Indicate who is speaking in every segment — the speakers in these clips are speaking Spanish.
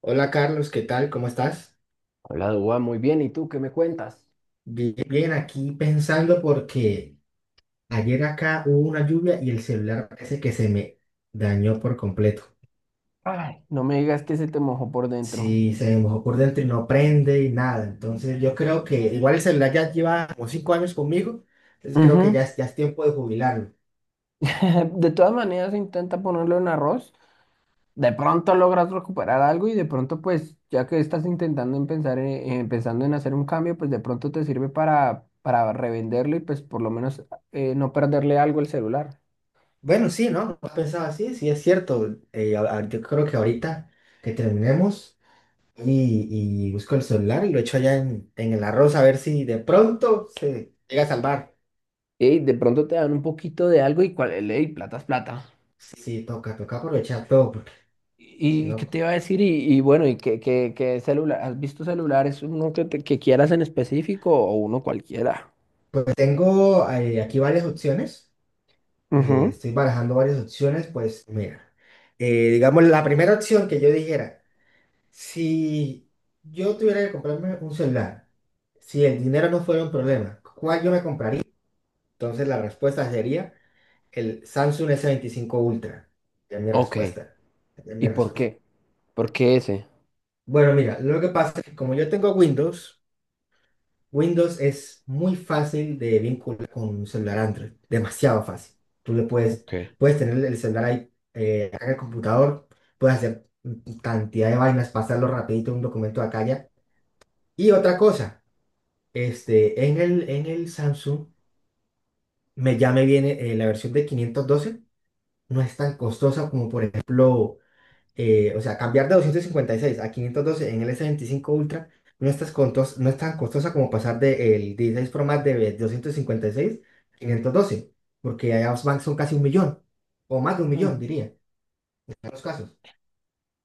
Speaker 1: Hola Carlos, ¿qué tal? ¿Cómo estás?
Speaker 2: Hola, Dua, muy bien. ¿Y tú qué me cuentas?
Speaker 1: Bien, bien, aquí pensando porque ayer acá hubo una lluvia y el celular parece que se me dañó por completo.
Speaker 2: Ay, no me digas que se te mojó por dentro.
Speaker 1: Sí, se me mojó por dentro y no prende y nada. Entonces yo creo que igual el celular ya lleva como 5 años conmigo, entonces creo que
Speaker 2: Ujú.
Speaker 1: ya es tiempo de jubilarlo.
Speaker 2: De todas maneras, intenta ponerlo en arroz. De pronto logras recuperar algo y de pronto, pues, ya que estás intentando en pensar pensando en hacer un cambio, pues de pronto te sirve para revenderlo y pues por lo menos no perderle algo al celular.
Speaker 1: Bueno, sí, ¿no? No pensaba así, sí es cierto. Yo creo que ahorita que terminemos y busco el celular y lo echo allá en el arroz a ver si de pronto se llega a salvar.
Speaker 2: Ey, de pronto te dan un poquito de algo y cuál, ey, plata es plata.
Speaker 1: Sí, toca, toca aprovechar todo, porque si
Speaker 2: ¿Y qué
Speaker 1: no,
Speaker 2: te iba a decir? Y bueno, ¿y qué celular? ¿Has visto celulares? ¿Uno que quieras en específico o uno cualquiera?
Speaker 1: pues tengo aquí varias opciones,
Speaker 2: Ujú.
Speaker 1: estoy barajando varias opciones, pues mira, digamos la primera opción que yo dijera, si yo tuviera que comprarme un celular, si el dinero no fuera un problema, ¿cuál yo me compraría? Entonces la respuesta sería el Samsung S25 Ultra, ya es mi
Speaker 2: Ok.
Speaker 1: respuesta, ya es mi
Speaker 2: ¿Y por
Speaker 1: respuesta.
Speaker 2: qué? ¿Por qué ese?
Speaker 1: Bueno, mira, lo que pasa es que como yo tengo Windows, Windows es muy fácil de vincular con un celular Android, demasiado fácil. Tú
Speaker 2: Ok.
Speaker 1: puedes tener el celular ahí acá en el computador, puedes hacer cantidad de vainas, pasarlo rapidito un documento de acá allá. Y otra cosa, en el Samsung ya me viene la versión de 512. No es tan costosa como por ejemplo, o sea, cambiar de 256 a 512 en el S25 Ultra, no es tan costosa como pasar del 16 Pro Max de 256 a 512, porque son casi un millón, o más de un millón,
Speaker 2: Mm.
Speaker 1: diría, en los casos.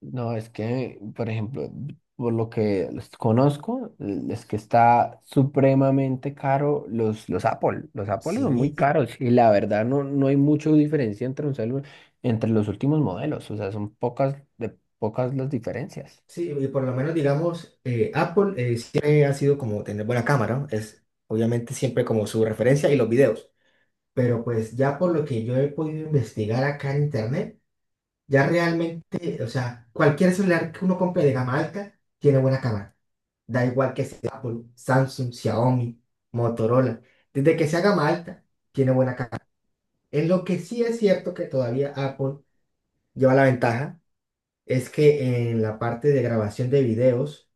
Speaker 2: No, es que, por ejemplo, por lo que los conozco, es que está supremamente caro los Apple. Los Apple son
Speaker 1: Sí,
Speaker 2: muy caros y la verdad no, no hay mucha diferencia entre un celular, entre los últimos modelos. O sea, son pocas, de pocas las diferencias.
Speaker 1: sí, y por lo menos digamos, Apple siempre ha sido como tener buena cámara, ¿no? Es obviamente siempre como su referencia y los videos. Pero pues ya por lo que yo he podido investigar acá en internet, ya realmente, o sea, cualquier celular que uno compre de gama alta tiene buena cámara. Da igual que sea Apple, Samsung, Xiaomi, Motorola. Desde que sea gama alta, tiene buena cámara. En lo que sí es cierto que todavía Apple lleva la ventaja es que en la parte de grabación de videos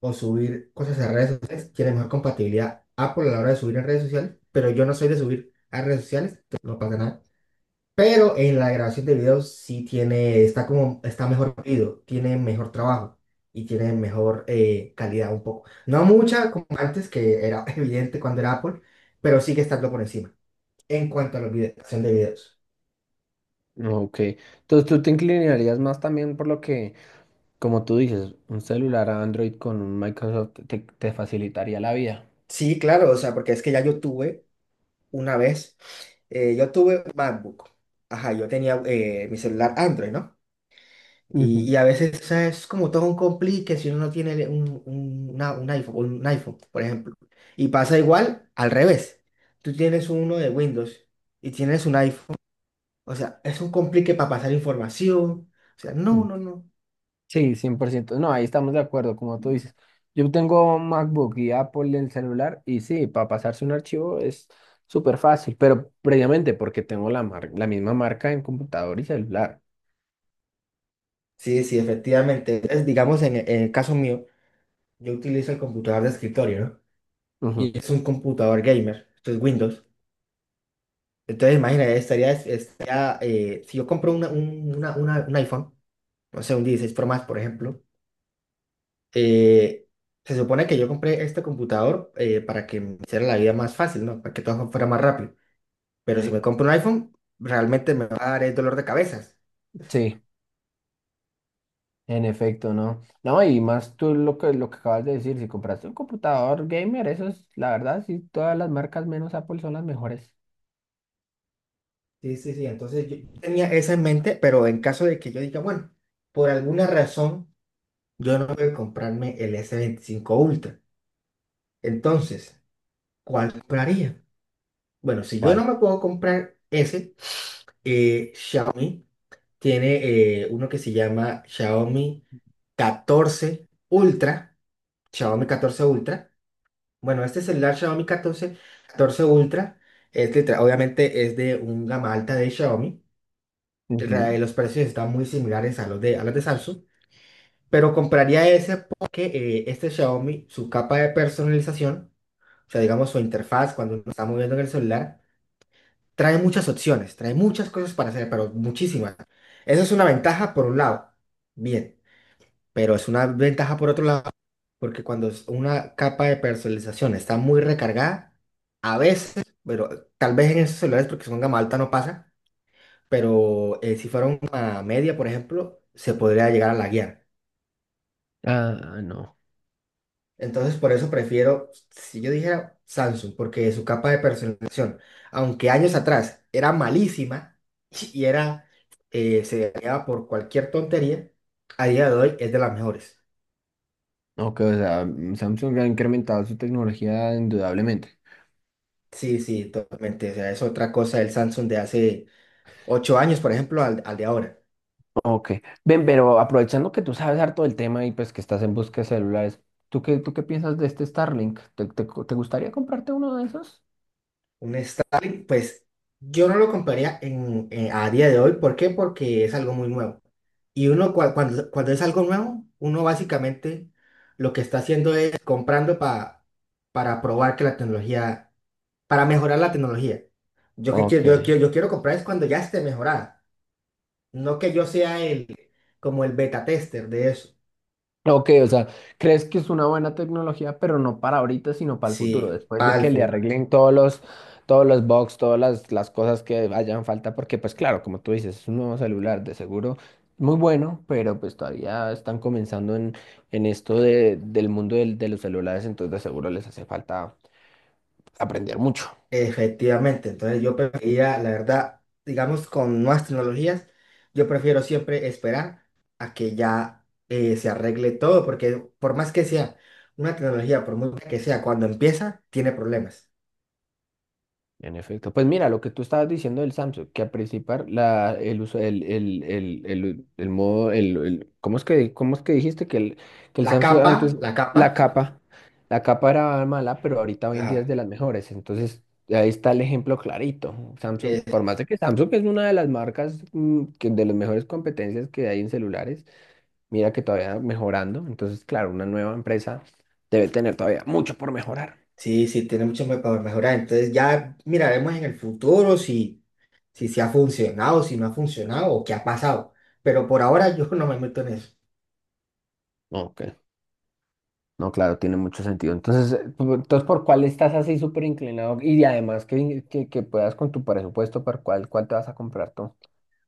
Speaker 1: o subir cosas a redes sociales, tiene mejor compatibilidad Apple a la hora de subir en redes sociales, pero yo no soy de subir a redes sociales, entonces no pasa nada. Pero en la grabación de video sí tiene, está como, está mejor pedido, tiene mejor trabajo y tiene mejor calidad un poco. No mucha como antes, que era evidente cuando era Apple, pero sigue estando por encima en cuanto a la grabación de videos.
Speaker 2: Ok, entonces tú te inclinarías más también por lo que, como tú dices, un celular Android con un Microsoft te facilitaría la vida.
Speaker 1: Sí, claro, o sea, porque es que ya yo tuve una vez, yo tuve MacBook. Ajá, yo tenía mi celular Android, ¿no? Y,
Speaker 2: Ujú.
Speaker 1: y a veces, o sea, es como todo un complique si uno no tiene un iPhone, un iPhone, por ejemplo. Y pasa igual al revés. Tú tienes uno de Windows y tienes un iPhone. O sea, es un complique para pasar información. O sea, no,
Speaker 2: Mm.
Speaker 1: no, no.
Speaker 2: Sí, 100%. No, ahí estamos de acuerdo, como tú dices. Yo tengo MacBook y Apple en el celular y sí, para pasarse un archivo es súper fácil, pero previamente porque tengo la misma marca en computador y celular.
Speaker 1: Sí, sí, efectivamente. Entonces, digamos, en el caso mío, yo utilizo el computador de escritorio, ¿no?
Speaker 2: Ujú,
Speaker 1: Y es un computador gamer, esto es Windows. Entonces, imagínate, estaría si yo compro una- un iPhone, no sé, un 16 Pro más, por ejemplo. eh, se supone que yo compré este computador para que me hiciera la vida más fácil, ¿no? Para que todo fuera más rápido. Pero si
Speaker 2: sí,
Speaker 1: me compro un iPhone, realmente me va a dar dolor de cabezas.
Speaker 2: sí. En efecto, ¿no? No, y más tú lo que, acabas de decir, si compraste un computador gamer, eso es, la verdad, sí, todas las marcas menos Apple son las mejores.
Speaker 1: Sí, sí, sí. Entonces yo tenía eso en mente, pero en caso de que yo diga, bueno, por alguna razón yo no puedo comprarme el S25 Ultra. Entonces, ¿cuál compraría? Bueno, si yo no
Speaker 2: ¿Cuál?
Speaker 1: me puedo comprar ese, Xiaomi. Tiene uno que se llama Xiaomi 14 Ultra. Xiaomi catorce Ultra. Bueno, este celular Xiaomi catorce Ultra, obviamente es de un gama alta de Xiaomi.
Speaker 2: Ujú.
Speaker 1: Los precios están muy similares a los de, Samsung, pero compraría ese porque este Xiaomi, su capa de personalización, o sea, digamos su interfaz cuando uno está moviendo en el celular, trae muchas opciones, trae muchas cosas para hacer, pero muchísimas. Esa es una ventaja por un lado. Bien. Pero es una ventaja por otro lado, porque cuando es una capa de personalización está muy recargada, a veces, pero tal vez en esos celulares, porque son gama alta, no pasa, pero si fuera una media, por ejemplo, se podría llegar a laguear.
Speaker 2: Ah, no.
Speaker 1: Entonces, por eso prefiero, si yo dijera Samsung, porque su capa de personalización, aunque años atrás era malísima y era, se dañaba por cualquier tontería, a día de hoy es de las mejores.
Speaker 2: Ok, o sea, Samsung ha incrementado su tecnología indudablemente.
Speaker 1: Sí, sí, totalmente. O sea, es otra cosa el Samsung de hace 8 años, por ejemplo, al de ahora.
Speaker 2: Ok. Ven, pero aprovechando que tú sabes harto del tema y pues que estás en busca de celulares, ¿tú qué piensas de este Starlink? ¿Te gustaría comprarte uno de esos?
Speaker 1: Un Starlink, pues yo no lo compraría a día de hoy. ¿Por qué? Porque es algo muy nuevo. Y uno, cuando es algo nuevo, uno básicamente lo que está haciendo es comprando para probar que la tecnología, para mejorar la tecnología. Yo que quiero,
Speaker 2: Ok.
Speaker 1: yo quiero, yo quiero comprar es cuando ya esté mejorada. No que yo sea como el beta tester de eso.
Speaker 2: Ok, o sea, crees que es una buena tecnología, pero no para ahorita, sino para el futuro,
Speaker 1: Sí,
Speaker 2: después de
Speaker 1: para
Speaker 2: que le
Speaker 1: palfo.
Speaker 2: arreglen todos los, bugs, todas las cosas que hayan falta, porque pues claro, como tú dices, es un nuevo celular de seguro muy bueno, pero pues todavía están comenzando en esto del mundo de los celulares, entonces de seguro les hace falta aprender mucho.
Speaker 1: Efectivamente, entonces yo preferiría, la verdad, digamos, con nuevas tecnologías, yo prefiero siempre esperar a que ya se arregle todo, porque por más que sea una tecnología, por muy buena que sea, cuando empieza, tiene problemas.
Speaker 2: En efecto, pues mira, lo que tú estabas diciendo del Samsung, que a principar el uso, el modo, ¿cómo es que dijiste que el, Samsung antes,
Speaker 1: La capa,
Speaker 2: la capa, la capa era mala, pero ahorita hoy en día es
Speaker 1: ajá,
Speaker 2: de las mejores, entonces ahí está el ejemplo clarito, Samsung, por
Speaker 1: eh,
Speaker 2: más de que Samsung es una de las marcas que de las mejores competencias que hay en celulares, mira que todavía mejorando, entonces claro, una nueva empresa debe tener todavía mucho por mejorar.
Speaker 1: sí, sí, tiene mucho para mejorar, entonces ya miraremos en el futuro si se ha funcionado, si no ha funcionado o qué ha pasado, pero por ahora yo no me meto en eso.
Speaker 2: Ok. No, claro, tiene mucho sentido. Entonces, entonces ¿por cuál estás así súper inclinado? Y además que puedas con tu presupuesto, ¿por cuál te vas a comprar tú?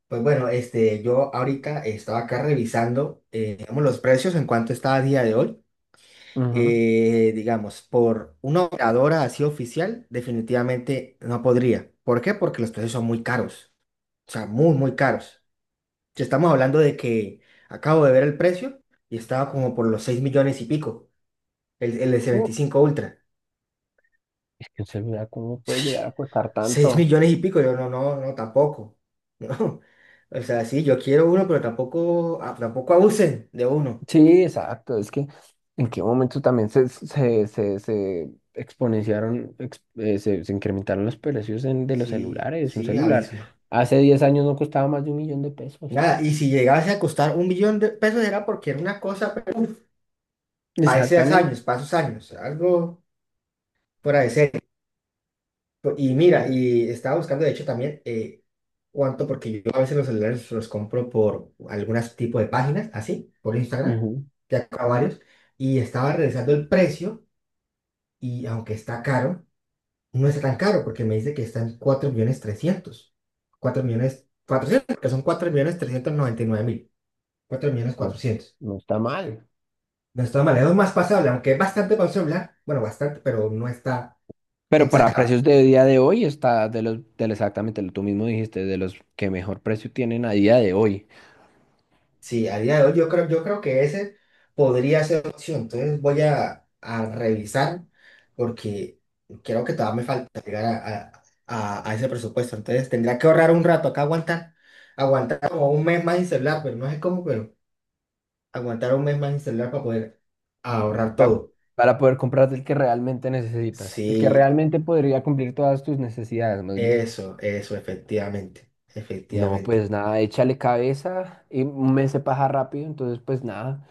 Speaker 1: Pues bueno, yo ahorita estaba acá revisando, digamos, los precios en cuanto está a día de hoy.
Speaker 2: Ujú.
Speaker 1: Digamos, por una operadora así oficial, definitivamente no podría. ¿Por qué? Porque los precios son muy caros. O sea, muy, muy caros. Si estamos hablando de que acabo de ver el precio y estaba como por los 6 millones y pico, el
Speaker 2: Uh,
Speaker 1: S25 Ultra.
Speaker 2: es que un celular, ¿cómo puede llegar a costar
Speaker 1: Seis
Speaker 2: tanto?
Speaker 1: millones y pico, yo no, no, no, tampoco. No. O sea, sí, yo quiero uno, pero tampoco, tampoco abusen de uno.
Speaker 2: Sí, exacto. Es que en qué momento también se exponenciaron, se incrementaron los precios de los
Speaker 1: Sí,
Speaker 2: celulares. Un
Speaker 1: sí,
Speaker 2: celular
Speaker 1: abismo.
Speaker 2: hace 10 años no costaba más de un millón de pesos.
Speaker 1: Nada, y si llegase a costar un millón de pesos era porque era una cosa, pero
Speaker 2: Exactamente.
Speaker 1: para esos años, algo fuera de serie. Y mira,
Speaker 2: Sí.
Speaker 1: y estaba buscando, de hecho, también cuánto, porque yo a veces los celulares los compro por algún tipo de páginas, así, por Instagram,
Speaker 2: Ujú.
Speaker 1: ya acá varios, y estaba revisando el precio. Y aunque está caro, no está tan caro porque me dice que está en 4 millones trescientos, 4 millones cuatrocientos, que son 4 millones 399 mil, 4 millones
Speaker 2: No,
Speaker 1: cuatrocientos.
Speaker 2: no está mal.
Speaker 1: No está mal, es más pasable, aunque es bastante para, bueno, bastante, pero no está
Speaker 2: Pero para precios
Speaker 1: exagerado.
Speaker 2: de día de hoy está de del exactamente lo tú mismo dijiste, de los que mejor precio tienen a día de hoy.
Speaker 1: Sí, a día de hoy yo creo, que ese podría ser una opción. Entonces voy a revisar porque creo que todavía me falta llegar a- a ese presupuesto. Entonces tendría que ahorrar un rato acá, aguantar, aguantar como un mes más sin celular, pero no sé cómo, pero aguantar un mes más sin celular para poder ahorrar
Speaker 2: pa-
Speaker 1: todo.
Speaker 2: Para poder comprarte el que realmente necesitas, el que
Speaker 1: Sí,
Speaker 2: realmente podría cumplir todas tus necesidades, más bien.
Speaker 1: eso, efectivamente,
Speaker 2: No,
Speaker 1: efectivamente.
Speaker 2: pues nada, échale cabeza y me mes se pasa rápido, entonces pues nada,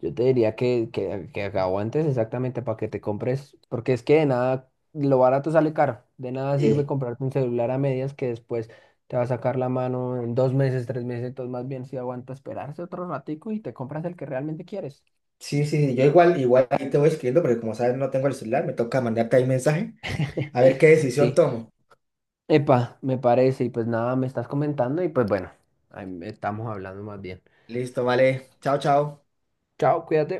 Speaker 2: yo te diría que, aguantes exactamente para que te compres, porque es que de nada, lo barato sale caro, de nada sirve
Speaker 1: Eh,
Speaker 2: comprarte un celular a medias que después te va a sacar la mano en 2 meses, 3 meses, entonces más bien si aguanta esperarse otro ratico y te compras el que realmente quieres.
Speaker 1: sí, sí, yo igual, igual ahí te voy escribiendo, porque como sabes no tengo el celular, me toca mandarte ahí mensaje a ver qué decisión
Speaker 2: Sí,
Speaker 1: tomo.
Speaker 2: epa, me parece, y pues nada, me estás comentando y pues bueno, ahí estamos hablando más bien.
Speaker 1: Listo, vale. Chao, chao.
Speaker 2: Chao, cuídate.